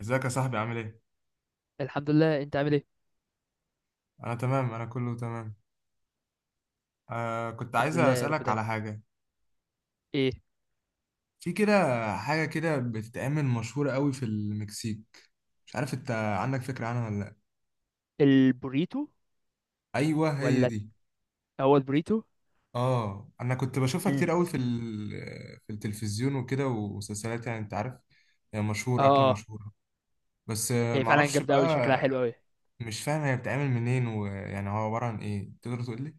ازيك يا صاحبي، عامل ايه؟ الحمد لله، انت عامل ايه؟ انا تمام، انا كله تمام. كنت الحمد عايز لله يا رب اسالك دايما. على حاجه. ايه؟ في كده، حاجه كده بتتعمل مشهوره قوي في المكسيك، مش عارف انت عندك فكره عنها ولا لا؟ البوريتو ايوه، هي ولا؟ دي. هو البوريتو. اه، انا كنت بشوفها مم. كتير قوي في التلفزيون وكده ومسلسلات، يعني انت عارف. هي مشهور، اكله اه، اه. مشهوره. بس هي فعلا معرفش جامده قوي، بقى. شكلها حلو قوي. مش فاهم هي بتتعمل منين، ويعني هو عباره عن ايه، تقدر تقول لي؟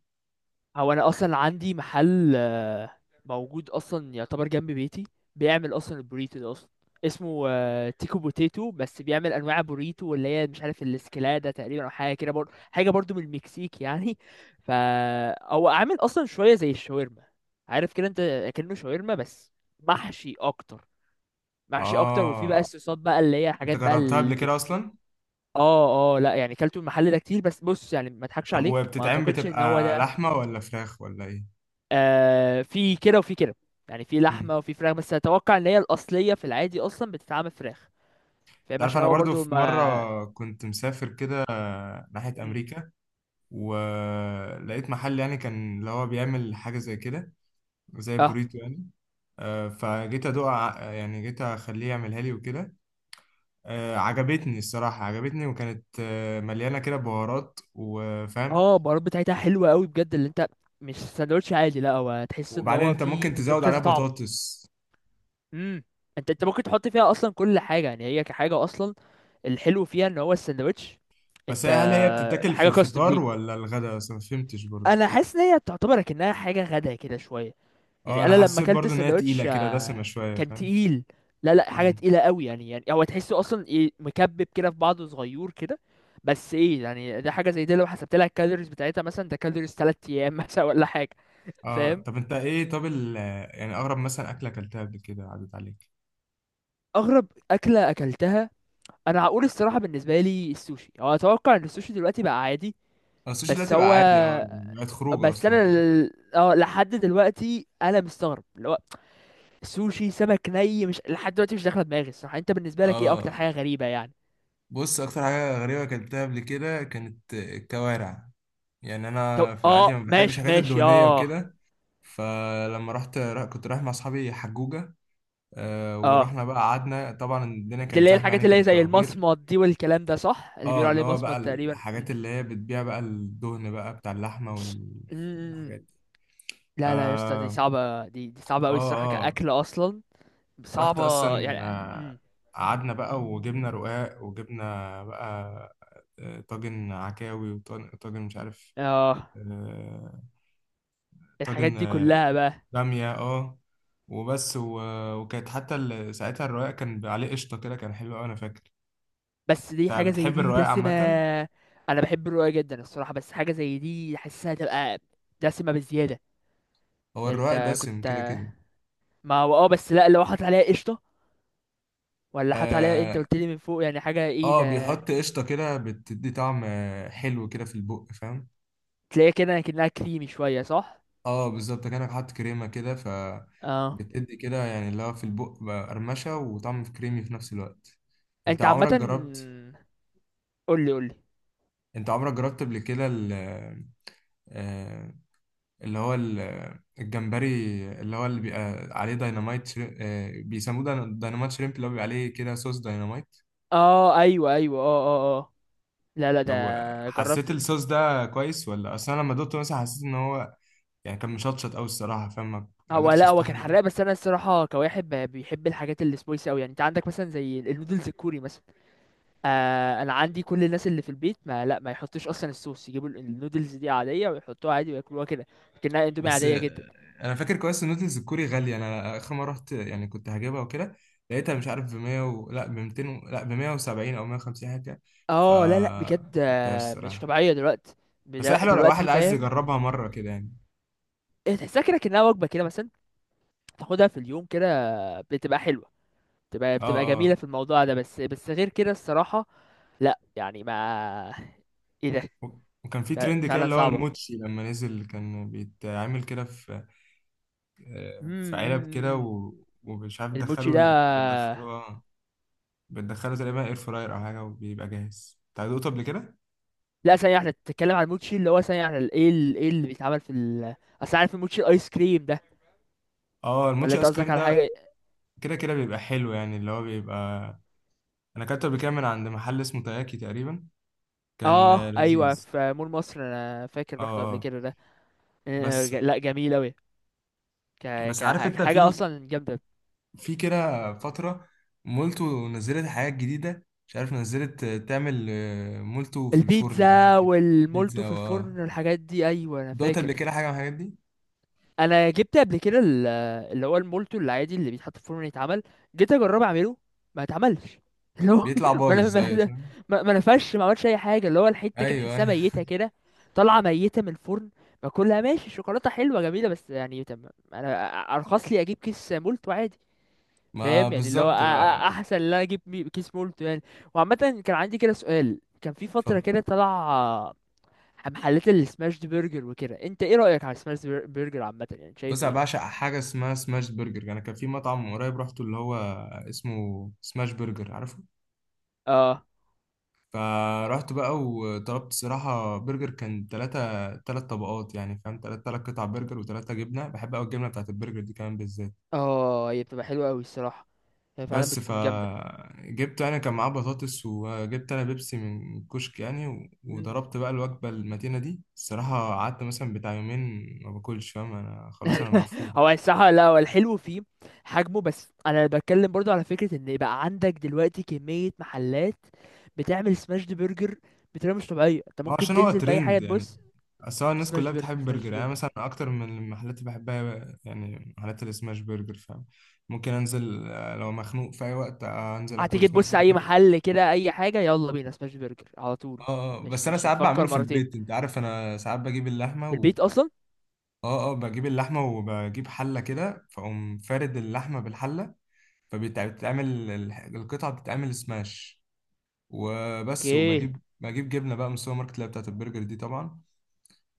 هو انا اصلا عندي محل موجود اصلا يعتبر جنب بيتي، بيعمل اصلا البوريتو ده اصلا. اسمه تيكو بوتيتو، بس بيعمل انواع بوريتو، واللي هي مش عارف الاسكلاده تقريبا او حاجه كده برضه، حاجه برضه من المكسيك يعني. فا هو عامل اصلا شويه زي الشاورما، عارف كده انت. كأنه شاورما بس محشي اكتر. محشي اكتر، وفي بقى اه، الصوصات بقى اللي هي انت حاجات بقى جربتها قبل كده المكسيك. اصلا؟ اه، اه، لا يعني كلته المحل ده كتير، بس بص يعني ما اضحكش طب، عليك، ما وبتتعمل اعتقدش ان هو بتبقى ده. لحمة ولا فراخ ولا ايه؟ في كده وفي كده. يعني في امم. لحمه وفي فراخ، بس اتوقع ان هي الاصليه في العادي اصلا بتتعمل فراخ. فاهم تعرف، عشان انا هو برضو برضو في ما. مرة كنت مسافر كده ناحية مم. امريكا، ولقيت محل يعني كان اللي هو بيعمل حاجة زي كده، زي اه، بريتو يعني. يعني جيت اخليه يعملها لي وكده. عجبتني الصراحة، عجبتني، وكانت مليانة كده بهارات، وفاهم. اه، البهارات بتاعتها حلوه قوي بجد اللي انت. مش ساندوتش عادي، لا هو تحس ان وبعدين هو انت في، ممكن تديك تزود عليها كذا طعم. بطاطس. امم. انت ممكن تحط فيها اصلا كل حاجه، يعني هي كحاجه اصلا الحلو فيها ان هو الساندوتش بس انت. هل هي بتتاكل في حاجه كاستم الفطار ليك. ولا الغداء بس؟ ما فهمتش برضو. انا حاسس ان هي تعتبر كأنها حاجه غدا كده شويه. اه، يعني انا انا لما حسيت اكلت برضو ان هي تقيله الساندوتش كده، دسمه شويه، كان فاهم. تقيل. لا، لا، حاجه امم. تقيله قوي يعني هو تحسه اصلا ايه، مكبب كده في بعضه، صغير كده. بس ايه يعني، ده حاجه زي دي لو حسبت لها الكالوريز بتاعتها مثلا ده كالوريز 3 ايام مثلا ولا حاجه. اه، فاهم. طب انت ايه، طب يعني اغرب مثلا اكله اكلتها قبل كده عدت عليك؟ اغرب اكله اكلتها، انا هقول الصراحه بالنسبه لي السوشي. هو اتوقع ان السوشي دلوقتي بقى عادي. اه، السوشي بس دلوقتي بقى هو عادي، اه يعني بقت خروجه بس اصلا، انا فاهم؟ لحد دلوقتي انا مستغرب اللي هو سوشي سمك ني. مش لحد دلوقتي مش داخله دماغي الصراحه. انت بالنسبه لك ايه اكتر اه، حاجه غريبه يعني؟ بص، اكتر حاجه غريبه اكلتها قبل كده كانت الكوارع. يعني انا في اه، العادي ما بحبش ماشي الحاجات ماشي، الدهنيه اه. وكده. فلما رحت كنت رايح مع اصحابي حجوجه. اه، ورحنا بقى، قعدنا طبعا، الدنيا دي كانت اللي هي زحمه، الحاجات يعني اللي هي كانت زي توابير. المصمت دي والكلام ده صح، اللي اه، بيقولوا اللي عليه هو بقى مصمت تقريبا م- الحاجات اللي هي بتبيع بقى الدهن بقى بتاع اللحمة م- م. والحاجات دي. لا، لا، يا اسطى دي اه، صعبه، دي صعبه قوي اه، الصراحه آه. كاكل اصلا. رحت صعبه اصلا، يعني. قعدنا بقى وجبنا رقاق، وجبنا بقى طاجن عكاوي، وطاجن مش عارف، اه، آه، الحاجات طاجن دي كلها بقى. بامية، اه. وبس، وكانت حتى ساعتها الرقاق كان عليه قشطة كده، كان حلو أوي، أنا فاكر. بس دي حاجة زي فبتحب دي الرقاق دسمة. عامة؟ أنا بحب الرؤية جدا الصراحة، بس حاجة زي دي حاسسها تبقى دسمة بزيادة. هو يعني الرقاق أنت دسم كنت، كده كده. ما هو أه، بس لأ لو حاطط عليها قشطة، ولا حاطط عليها، أنت آه، قلت لي من فوق يعني حاجة إيه اه، ده. بيحط قشطة كده، بتدي طعم حلو كده في البق، فاهم. تلاقيها كده كأنها كريمي شوية، صح؟ اه، بالظبط، كأنك حاطط كريمة كده، ف أه. بتدي كده يعني اللي هو في البق بقى قرمشة وطعم، في كريمي في نفس الوقت. انت أنت عامة، عمرك جربت قولي، قولي. انت عمرك جربت قبل كده آه، اللي هو الجمبري، اللي هو اللي بيبقى عليه دايناميت شري... آه، بيسموه دايناميت شريمب، اللي هو بيبقى عليه كده صوص دايناميت. أه، أيوه، أيوه، أه، أه، أه. لا، لا، طب، ده حسيت جربت. الصوص ده كويس ولا؟ اصل انا لما دقته مثلا حسيت ان هو، يعني كان مشطشط قوي الصراحه، فاهم، ما هو قدرتش لا، هو كان استحمل. حراق، بس أنا الصراحة كواحد بيحب الحاجات السبايسي أوي. يعني أنت عندك مثلا زي النودلز الكوري مثلا. انا عندي كل الناس اللي في البيت، ما يحطوش اصلا الصوص، يجيبوا النودلز دي عاديه ويحطوها عادي وياكلوها كده. لكنها اندومي بس عاديه جدا. آه، انا فاكر كويس إن النودلز الكوري غاليه. انا اخر مره رحت يعني كنت هجيبها وكده، لقيتها مش عارف ب 100 و... لا ب 200 و... لا ب 170 او 150 حاجه كده. ف اه، لا، لا، بجد جبتهاش مش الصراحه. طبيعيه دلوقتي. بس هي حلوه لو واحد دلوقتي عايز فاهم. يجربها مره كده يعني. إيه، تحسها كده كانها وجبه كده مثلا، تاخدها في اليوم كده، بتبقى حلوه. بتبقى اه، بتبقى جميله اه. في الموضوع ده، بس غير كده الصراحه لا، يعني ما. ايه ده. وكان في ترند ف- كده فعلا اللي هو صعبه. الموتشي لما نزل كان بيتعمل كده في، امم. في امم، علب امم، كده امم. و... ومش عارف، الموتشي دخلوا ده. ال... بتدخلوا بتدخله تقريبا اير فراير او حاجه، وبيبقى جاهز. انت دوقته قبل كده؟ لا، ثانية واحدة، بتتكلم عن الموتشي اللي هو ثانية واحدة ال- ايه ال- ايه اللي بيتعمل في ال. أصل عارف الموتشي الآيس كريم ده، اه، ولا الموتشي أنت ايس قصدك كريم على ده، حاجة؟ كده كده بيبقى حلو يعني، اللي هو بيبقى. انا اكلته قبل كده من عند محل اسمه تاياكي تقريبا، كان اه، أيوه، لذيذ. في مول مصر، أنا فاكر اه، رحته قبل اه. كده ده. بس لا جميل أوي. بس عارف انت، كحاجة في أصلا جامدة. في كده فتره مولتو نزلت حاجات جديده، مش عارف نزلت تعمل مولتو في الفرن او حاجه البيتزا كده. بيتزا، والمولتو في اه. الفرن والحاجات دي، أيوه أنا دوقت قبل فاكر. كده حاجه من الحاجات دي؟ انا جبت قبل كده ال-، اللي هو المولتو العادي اللي بيتحط في الفرن يتعمل، جيت اجرب اعمله، ما اتعملش. اللي هو بيطلع ما انا بايظ، ايوه ما. صح، ما نفش، ما عملش اي حاجه. اللي هو الحته كده ايوه، أيوة. تحسها ميته كده، طالعه ميته من الفرن. ما كلها ماشي، الشوكولاته حلوه جميله، بس يعني انا ارخص لي اجيب كيس مولتو عادي. ما فاهم يعني، اللي هو بالظبط بقى. احسن ان انا اجيب كيس مولتو يعني. وعامه، كان عندي كده سؤال، كان في فتره اتفضل. كده طلع محلات السماش برجر وكده، انت ايه رايك على السماش برجر عامه، يعني شايف بص، انا ايه؟ بعشق حاجه اسمها سماش برجر. انا كان في مطعم من قريب رحته اللي هو اسمه سماش برجر، عارفه؟ اه، فرحت بقى وطلبت صراحه برجر، كان ثلاث طبقات، يعني فاهم، ثلاث قطع برجر وثلاثه جبنه. بحب قوي الجبنه بتاعت البرجر دي كمان بالذات. اه، هي بتبقى حلوة أوي الصراحة، هي فعلا بس، بتكون جامدة. فجبت انا كان معاه بطاطس، وجبت انا بيبسي من كشك يعني، مم. وضربت بقى الوجبه المتينه دي الصراحه. قعدت مثلا بتاع يومين ما باكلش، فاهم، انا خلاص، انا مقفول. هو الصراحة، لا هو الحلو فيه حجمه. بس أنا بتكلم برضو على فكرة إن يبقى عندك دلوقتي كمية محلات بتعمل سماشد برجر بطريقة مش طبيعية. أنت ما هو ممكن عشان هو تنزل في أي حاجة ترند يعني، تبص اصل هو الناس كلها سماشد برجر، بتحب سماشد برجر يعني. أنا برجر. مثلا اكتر من المحلات اللي بحبها يعني محلات السماش برجر، فاهم. ممكن انزل لو مخنوق في اي وقت انزل اكل هتيجي سماش تبص أي برجر. محل كده، أي حاجة يلا بينا سماشد برجر على طول. اه. مش بس انا مش ساعات بعمله هتفكر في مرتين. البيت، انت عارف، انا ساعات بجيب اللحمه في و... البيت أصلا. اه، اه، بجيب اللحمه وبجيب حله كده، فاقوم فارد اللحمه بالحله، فبتتعمل، القطعه بتتعمل سماش. وبس، اوكي. وبجيب جبنه بقى من السوبر ماركت اللي هي بتاعت البرجر دي طبعا.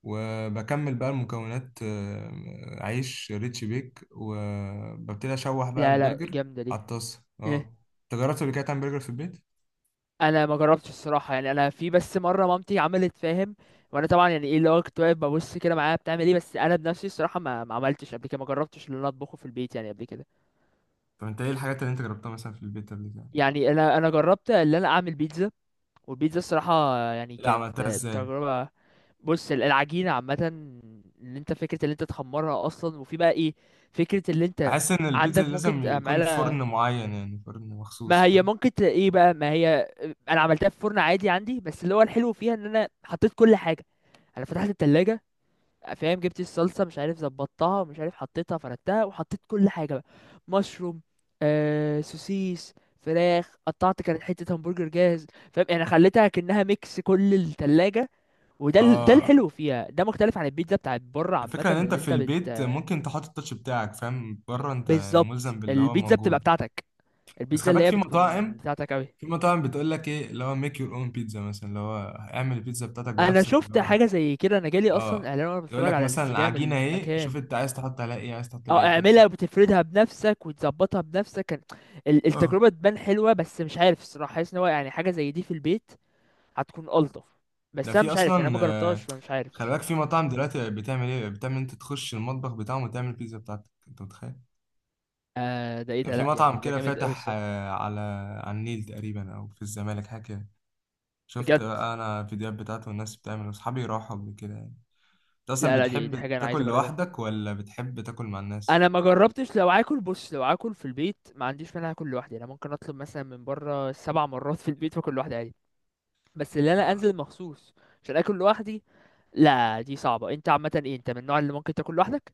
وبكمل بقى المكونات، عيش ريتش بيك، وببتدي اشوح بقى لا، لا، البرجر جامدة دي. على الطاسه، اه. انت جربت قبل كده تعمل برجر في البيت؟ انا ما جربتش الصراحه، يعني انا في بس مره مامتي عملت، فاهم، وانا طبعا يعني ايه، اللي هو كنت واقف ببص كده معاها بتعمل ايه. بس انا بنفسي الصراحه ما عملتش قبل كده، ما جربتش اللي انا اطبخه في البيت يعني قبل كده. طب انت ايه الحاجات اللي انت جربتها مثلا في البيت قبل كده؟ يعني انا جربت اللي انا اعمل بيتزا، والبيتزا الصراحه يعني لا، كانت عملتها ازاي؟ تجربه. بص العجينه عامه، ان انت فكره اللي انت تخمرها اصلا، وفي بقى ايه، فكره اللي انت بحس ان البيتزا عندك ممكن لازم يكون تعملها. فرن معين، يعني فرن ما مخصوص، هي فاهم. ممكن ايه بقى، ما هي انا عملتها في فرن عادي عندي، بس اللي هو الحلو فيها ان انا حطيت كل حاجه. انا فتحت التلاجة، فاهم، جبت الصلصه مش عارف ظبطتها، مش عارف حطيتها، فردتها وحطيت كل حاجه بقى، مشروم، سوسيس، فراخ قطعت، كانت حته همبرجر جاهز. فاهم يعني خليتها كأنها ميكس كل التلاجة، وده ده الحلو اه، فيها. ده مختلف عن البيتزا بتاعت بره عامه الفكره ان انت اللي في انت بت. البيت ممكن تحط التاتش بتاعك، فاهم، بره انت يعني بالظبط، ملزم باللي هو البيتزا بتبقى موجود. بتاعتك، بس البيتزا خلي اللي بالك، هي في بتكون مطاعم، بتاعتك قوي. في مطاعم بتقول لك ايه، اللي هو ميك يور اون بيتزا مثلا، اللي هو اعمل البيتزا بتاعتك انا بنفسك، اللي شفت هو حاجه زي كده، انا جالي اه اصلا اعلان وانا يقول بتفرج لك على مثلا الانستجرام العجينه اهي، شوف المكان. انت عايز تحط عليها ايه، عايز تحط عليها اه، ايه تاني. اعملها وتفردها بنفسك وتظبطها بنفسك. كان اه، التجربة تبان حلوة، بس مش عارف الصراحة، حاسس ان هو يعني حاجة زي دي في البيت هتكون ألطف. ده بس انا في مش عارف يعني، اصلا، انا ما جربتهاش فمش عارف خلي بالك، في الصراحة. مطاعم دلوقتي بتعمل ايه، بتعمل انت تخش المطبخ بتاعهم وتعمل البيتزا بتاعتك انت، متخيل؟ ده ايه كان ده، في لا مطعم يعني ده كده جامد قوي فاتح، الصراحة. على النيل تقريبا، او في الزمالك حاجه كده. شفت بجد. بقى انا الفيديوهات بتاعته، والناس بتعمل، واصحابي راحوا قبل كده يعني. انت اصلا لا، لا، دي حاجة بتحب انا عايز تاكل اجربها. لوحدك ولا بتحب تاكل مع الناس؟ انا ما جربتش لو اكل. بص لو اكل في البيت ما عنديش مانع اكل لوحدي، انا ممكن اطلب مثلا من بره سبع مرات في البيت واكل لوحدي عادي. بس اللي انا انزل مخصوص عشان اكل لوحدي، لا دي صعبة. انت عامة ايه، انت من النوع اللي ممكن تاكل لوحدك؟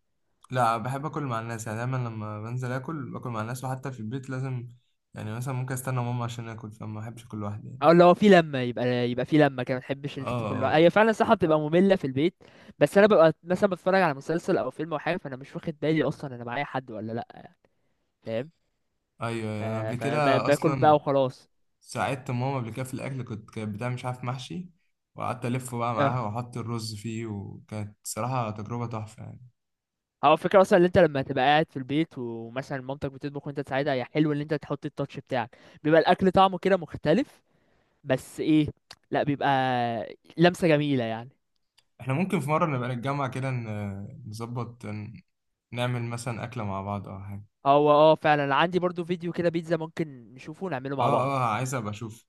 لا، بحب اكل مع الناس. يعني دايما لما بنزل اكل، باكل مع الناس، وحتى في البيت لازم، يعني مثلا ممكن استنى ماما عشان اكل، فما بحبش اكل لوحدي يعني. او لو في لمه يبقى في لمه كده ما تحبش ان انت تاكل لوحدك. اه، هي فعلا صح بتبقى ممله في البيت. بس انا ببقى مثلا بتفرج على مسلسل او فيلم او حاجه، فانا مش واخد بالي اصلا انا معايا حد ولا لا. فاهم. ايوه ف... يعني، انا قبل كده فباكل بقى اصلا وخلاص. ساعدت ماما قبل كده في الاكل، كنت كانت بتعمل مش عارف محشي، وقعدت الف بقى اه، معاها واحط الرز فيه، وكانت صراحه تجربه تحفه يعني. هو الفكره اصلا ان انت لما تبقى قاعد في البيت ومثلا مامتك بتطبخ وانت تساعدها، هي حلو ان انت تحط التاتش بتاعك، بيبقى الاكل طعمه كده مختلف. بس ايه، لا بيبقى لمسه جميله يعني. احنا ممكن في مره نبقى نتجمع كده، نظبط، نعمل مثلا اكله مع بعض او حاجه. هو فعلا عندي برضو فيديو كده بيتزا، ممكن نشوفه ونعمله مع اه، اه، بعض. عايز ابقى اشوف.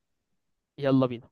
يلا بينا.